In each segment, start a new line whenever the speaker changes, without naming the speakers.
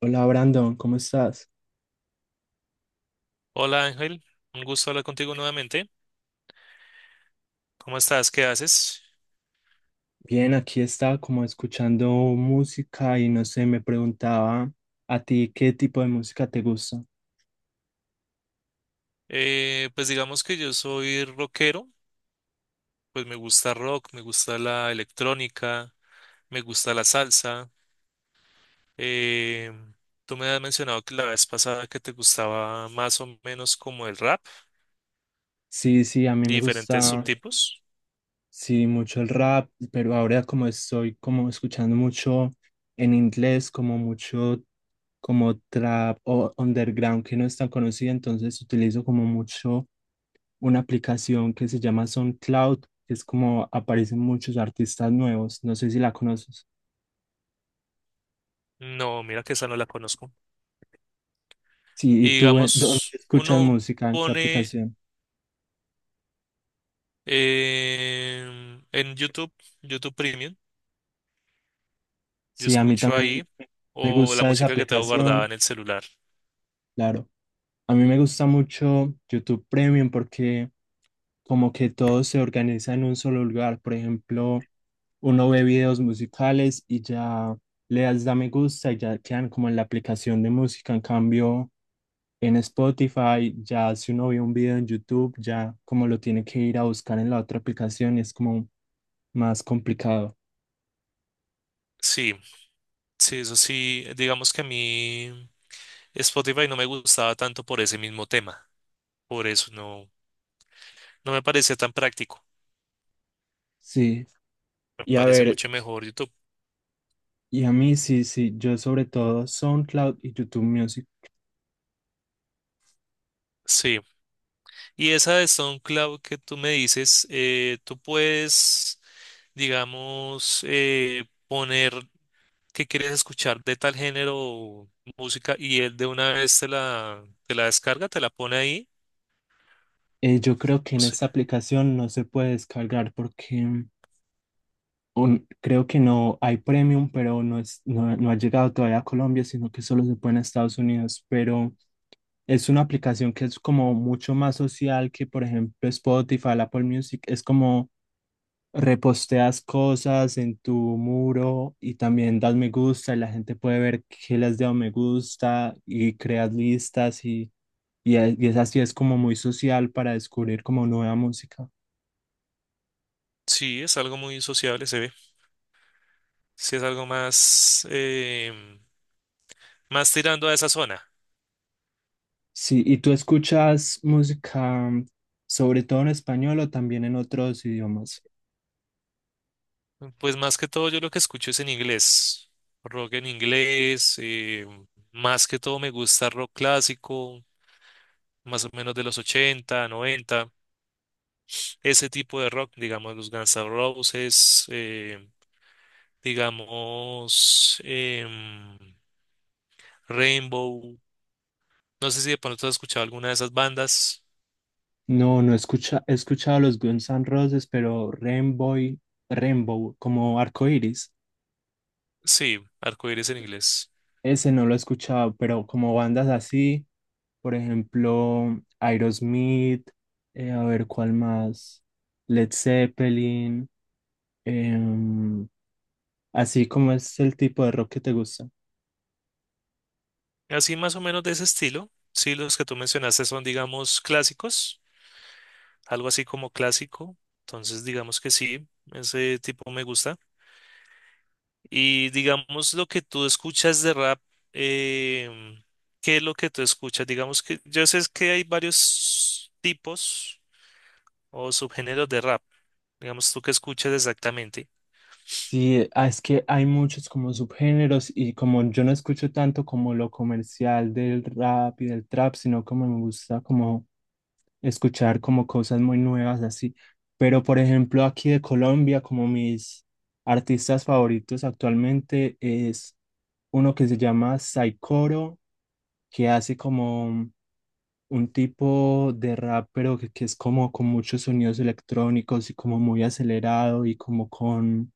Hola Brandon, ¿cómo estás?
Hola Ángel, un gusto hablar contigo nuevamente. ¿Cómo estás? ¿Qué haces?
Bien, aquí estaba como escuchando música y no sé, me preguntaba a ti qué tipo de música te gusta.
Pues digamos que yo soy rockero, pues me gusta rock, me gusta la electrónica, me gusta la salsa. Eh, tú me has mencionado que la vez pasada que te gustaba más o menos como el rap
Sí, sí, a mí
y
me
diferentes
gusta,
subtipos.
sí, mucho el rap, pero ahora como estoy como escuchando mucho en inglés, como mucho como trap o underground que no es tan conocida, entonces utilizo como mucho una aplicación que se llama SoundCloud, que es como aparecen muchos artistas nuevos, no sé si la conoces.
No, mira que esa no la conozco.
Sí, ¿y
Y
tú dónde
digamos,
escuchas
uno
música? ¿En qué
pone
aplicación?
en YouTube, YouTube Premium. Yo
Sí, a mí
escucho
también
ahí
me
o la
gusta esa
música que tengo guardada
aplicación,
en el celular.
claro. A mí me gusta mucho YouTube Premium porque como que todo se organiza en un solo lugar. Por ejemplo, uno ve videos musicales y ya le das da me gusta y ya quedan como en la aplicación de música. En cambio, en Spotify, ya si uno ve un video en YouTube, ya como lo tiene que ir a buscar en la otra aplicación, es como más complicado.
Sí, sí, eso sí, digamos que a mí Spotify no me gustaba tanto por ese mismo tema, por eso no me parecía tan práctico,
Sí.
me
Y a
parece
ver,
mucho mejor YouTube.
y a mí sí, sí, yo sobre todo SoundCloud y YouTube Music.
Sí, y esa de SoundCloud que tú me dices, tú puedes, digamos, poner que quieres escuchar de tal género o música y él de una vez te la descarga, te la pone ahí.
Yo creo que en esta aplicación no se puede descargar porque creo que no hay premium, pero no, es, no, no ha llegado todavía a Colombia, sino que solo se puede en Estados Unidos. Pero es una aplicación que es como mucho más social que, por ejemplo, Spotify, Apple Music. Es como reposteas cosas en tu muro y también das me gusta y la gente puede ver qué le has dado me gusta y creas listas y es, y es así, es como muy social para descubrir como nueva música.
Sí, es algo muy sociable, se ve. Sí, es algo más, más tirando a esa zona.
Sí, ¿y tú escuchas música sobre todo en español o también en otros idiomas?
Pues más que todo yo lo que escucho es en inglés, rock en inglés, em, más que todo me gusta rock clásico, más o menos de los 80, 90. Ese tipo de rock, digamos los Guns N' Roses, digamos Rainbow, no sé si de pronto has escuchado alguna de esas bandas.
No, no escucha, he escuchado los Guns N' Roses, pero Rainbow, Rainbow, como Arcoiris,
Sí, Arcoíris en inglés.
ese no lo he escuchado, pero como bandas así, por ejemplo, Aerosmith, a ver cuál más, Led Zeppelin, em, así como es el tipo de rock que te gusta.
Así más o menos de ese estilo. Sí, los que tú mencionaste son, digamos, clásicos, algo así como clásico. Entonces, digamos que sí, ese tipo me gusta. Y digamos lo que tú escuchas de rap, em, ¿qué es lo que tú escuchas? Digamos que yo sé que hay varios tipos o subgéneros de rap. Digamos, tú qué escuchas exactamente.
Sí, ah, es que hay muchos como subgéneros y como yo no escucho tanto como lo comercial del rap y del trap, sino como me gusta como escuchar como cosas muy nuevas así. Pero por ejemplo aquí de Colombia, como mis artistas favoritos actualmente es uno que se llama Saikoro, que hace como un tipo de rap, pero que es como con muchos sonidos electrónicos y como muy acelerado y como con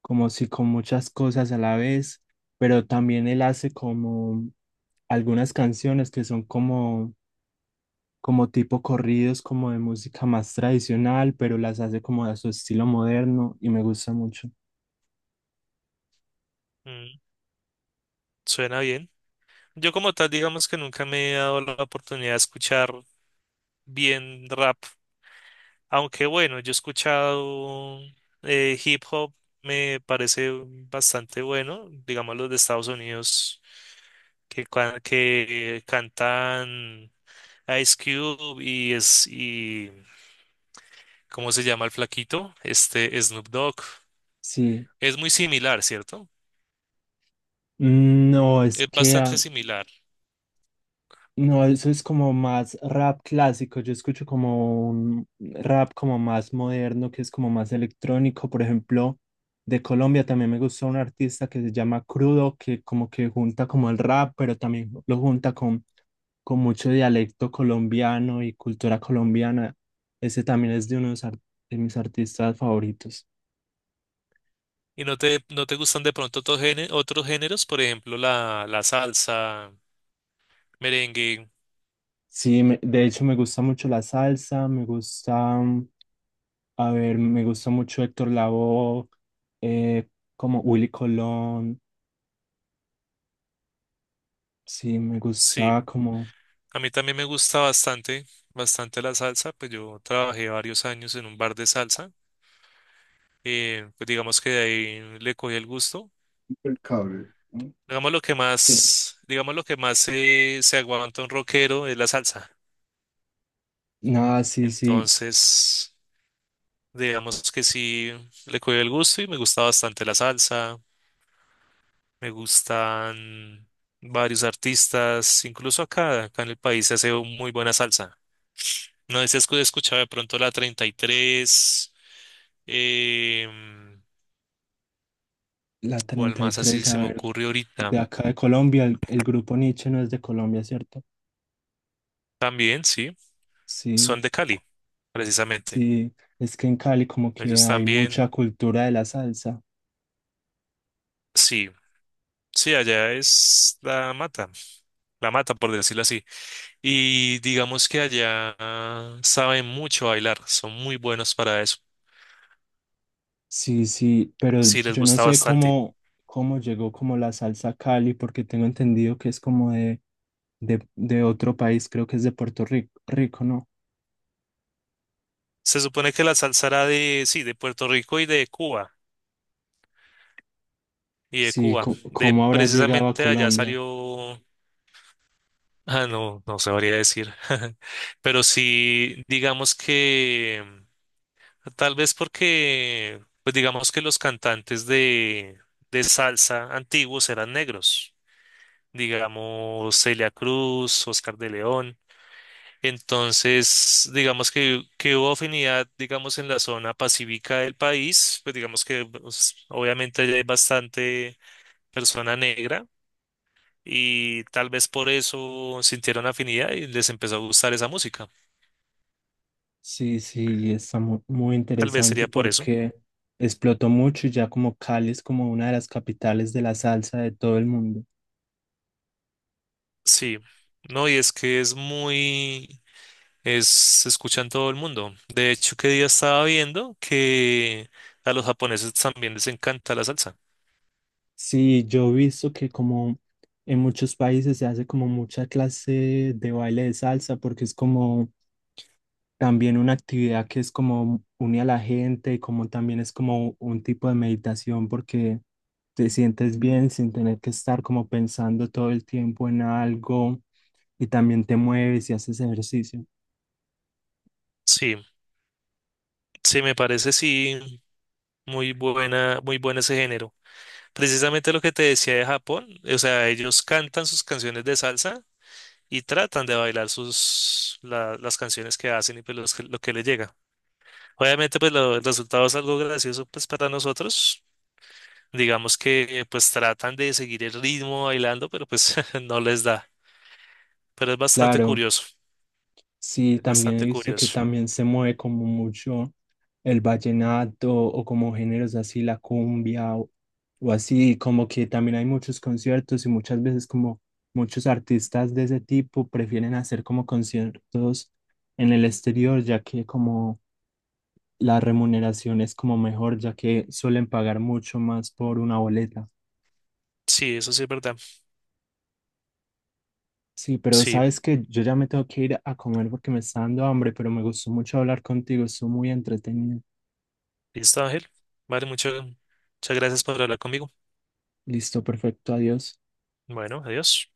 como si con muchas cosas a la vez, pero también él hace como algunas canciones que son como, como tipo corridos, como de música más tradicional, pero las hace como a su estilo moderno y me gusta mucho.
Mm, suena bien. Yo como tal, digamos que nunca me he dado la oportunidad de escuchar bien rap. Aunque bueno, yo he escuchado hip hop, me parece bastante bueno, digamos los de Estados Unidos que, que cantan Ice Cube y es, y ¿cómo se llama el flaquito? Este Snoop Dogg.
Sí.
Es muy similar, ¿cierto?
Mm, no, es
Es
que
bastante
ah,
similar.
no, eso es como más rap clásico. Yo escucho como un rap como más moderno, que es como más electrónico. Por ejemplo, de Colombia también me gusta un artista que se llama Crudo, que como que junta como el rap, pero también lo junta con mucho dialecto colombiano y cultura colombiana. Ese también es de de mis artistas favoritos.
¿Y no te gustan de pronto otros géneros, por ejemplo, la salsa, merengue?
Sí, de hecho me gusta mucho la salsa, me gusta a ver, me gusta mucho Héctor Lavoe, eh, como Willy Colón, sí, me
Sí.
gusta como...
A mí también me gusta bastante, bastante la salsa, pues yo trabajé varios años en un bar de salsa, pues digamos que de ahí le cogí el gusto. Digamos lo que
Sí.
más, digamos lo que más se aguanta un rockero es la salsa.
Nada, sí, sí,
Entonces, digamos que sí le cogí el gusto y me gusta bastante la salsa, me gustan varios artistas, incluso acá, acá en el país se hace muy buena salsa. No sé si has escuchado de pronto la 33, eh,
la
¿cuál
treinta y
más así
tres
se
a
me
ver,
ocurre
de
ahorita?
acá de Colombia, el grupo Nietzsche no es de Colombia, ¿cierto?
También, sí,
Sí,
son de Cali, precisamente.
sí, es que en Cali como que
Ellos
hay
también,
mucha cultura de la salsa,
sí, sí, allá es la mata, por decirlo así. Y digamos que allá saben mucho bailar, son muy buenos para eso.
sí, sí, pero
Sí, les
yo no
gusta
sé
bastante.
cómo, cómo llegó como la salsa a Cali, porque tengo entendido que es como de otro país, creo que es de Puerto Rico, Rico, ¿no?
Se supone que la salsa era de, sí, de Puerto Rico y de Cuba, y de
Sí,
Cuba. De
cómo habrá llegado a
precisamente allá
Colombia.
salió, ah, no, no sabría decir. Pero sí, digamos que tal vez porque, pues digamos que los cantantes de salsa antiguos eran negros, digamos Celia Cruz, Oscar de León. Entonces, digamos que hubo afinidad, digamos, en la zona pacífica del país, pues digamos que pues, obviamente allá hay bastante persona negra y tal vez por eso sintieron afinidad y les empezó a gustar esa música.
Sí, sí, está muy
Tal vez
interesante
sería por eso.
porque explotó mucho y ya como Cali es como una de las capitales de la salsa de todo el mundo.
Sí. No, y es que es muy es, se escucha en todo el mundo. De hecho, que día estaba viendo que a los japoneses también les encanta la salsa.
Sí, yo he visto que como en muchos países se hace como mucha clase de baile de salsa porque es como también una actividad que es como une a la gente, como también es como un tipo de meditación porque te sientes bien sin tener que estar como pensando todo el tiempo en algo y también te mueves y haces ejercicio.
Sí, sí, me parece, sí, muy buena, muy bueno ese género. Precisamente lo que te decía de Japón, o sea, ellos cantan sus canciones de salsa y tratan de bailar las canciones que hacen y pues lo que les llega. Obviamente, pues el resultado es algo gracioso pues para nosotros. Digamos que pues tratan de seguir el ritmo bailando, pero pues no les da. Pero es bastante
Claro,
curioso,
sí,
es
también he
bastante
visto que
curioso.
también se mueve como mucho el vallenato o como géneros así, la cumbia o así, como que también hay muchos conciertos y muchas veces como muchos artistas de ese tipo prefieren hacer como conciertos en el exterior, ya que como la remuneración es como mejor, ya que suelen pagar mucho más por una boleta.
Sí, eso sí es verdad.
Sí, pero
Sí,
sabes que yo ya me tengo que ir a comer porque me está dando hambre, pero me gustó mucho hablar contigo, estuvo muy entretenido.
listo, Ángel. Vale, muchas, muchas gracias por hablar conmigo.
Listo, perfecto, adiós.
Bueno, adiós.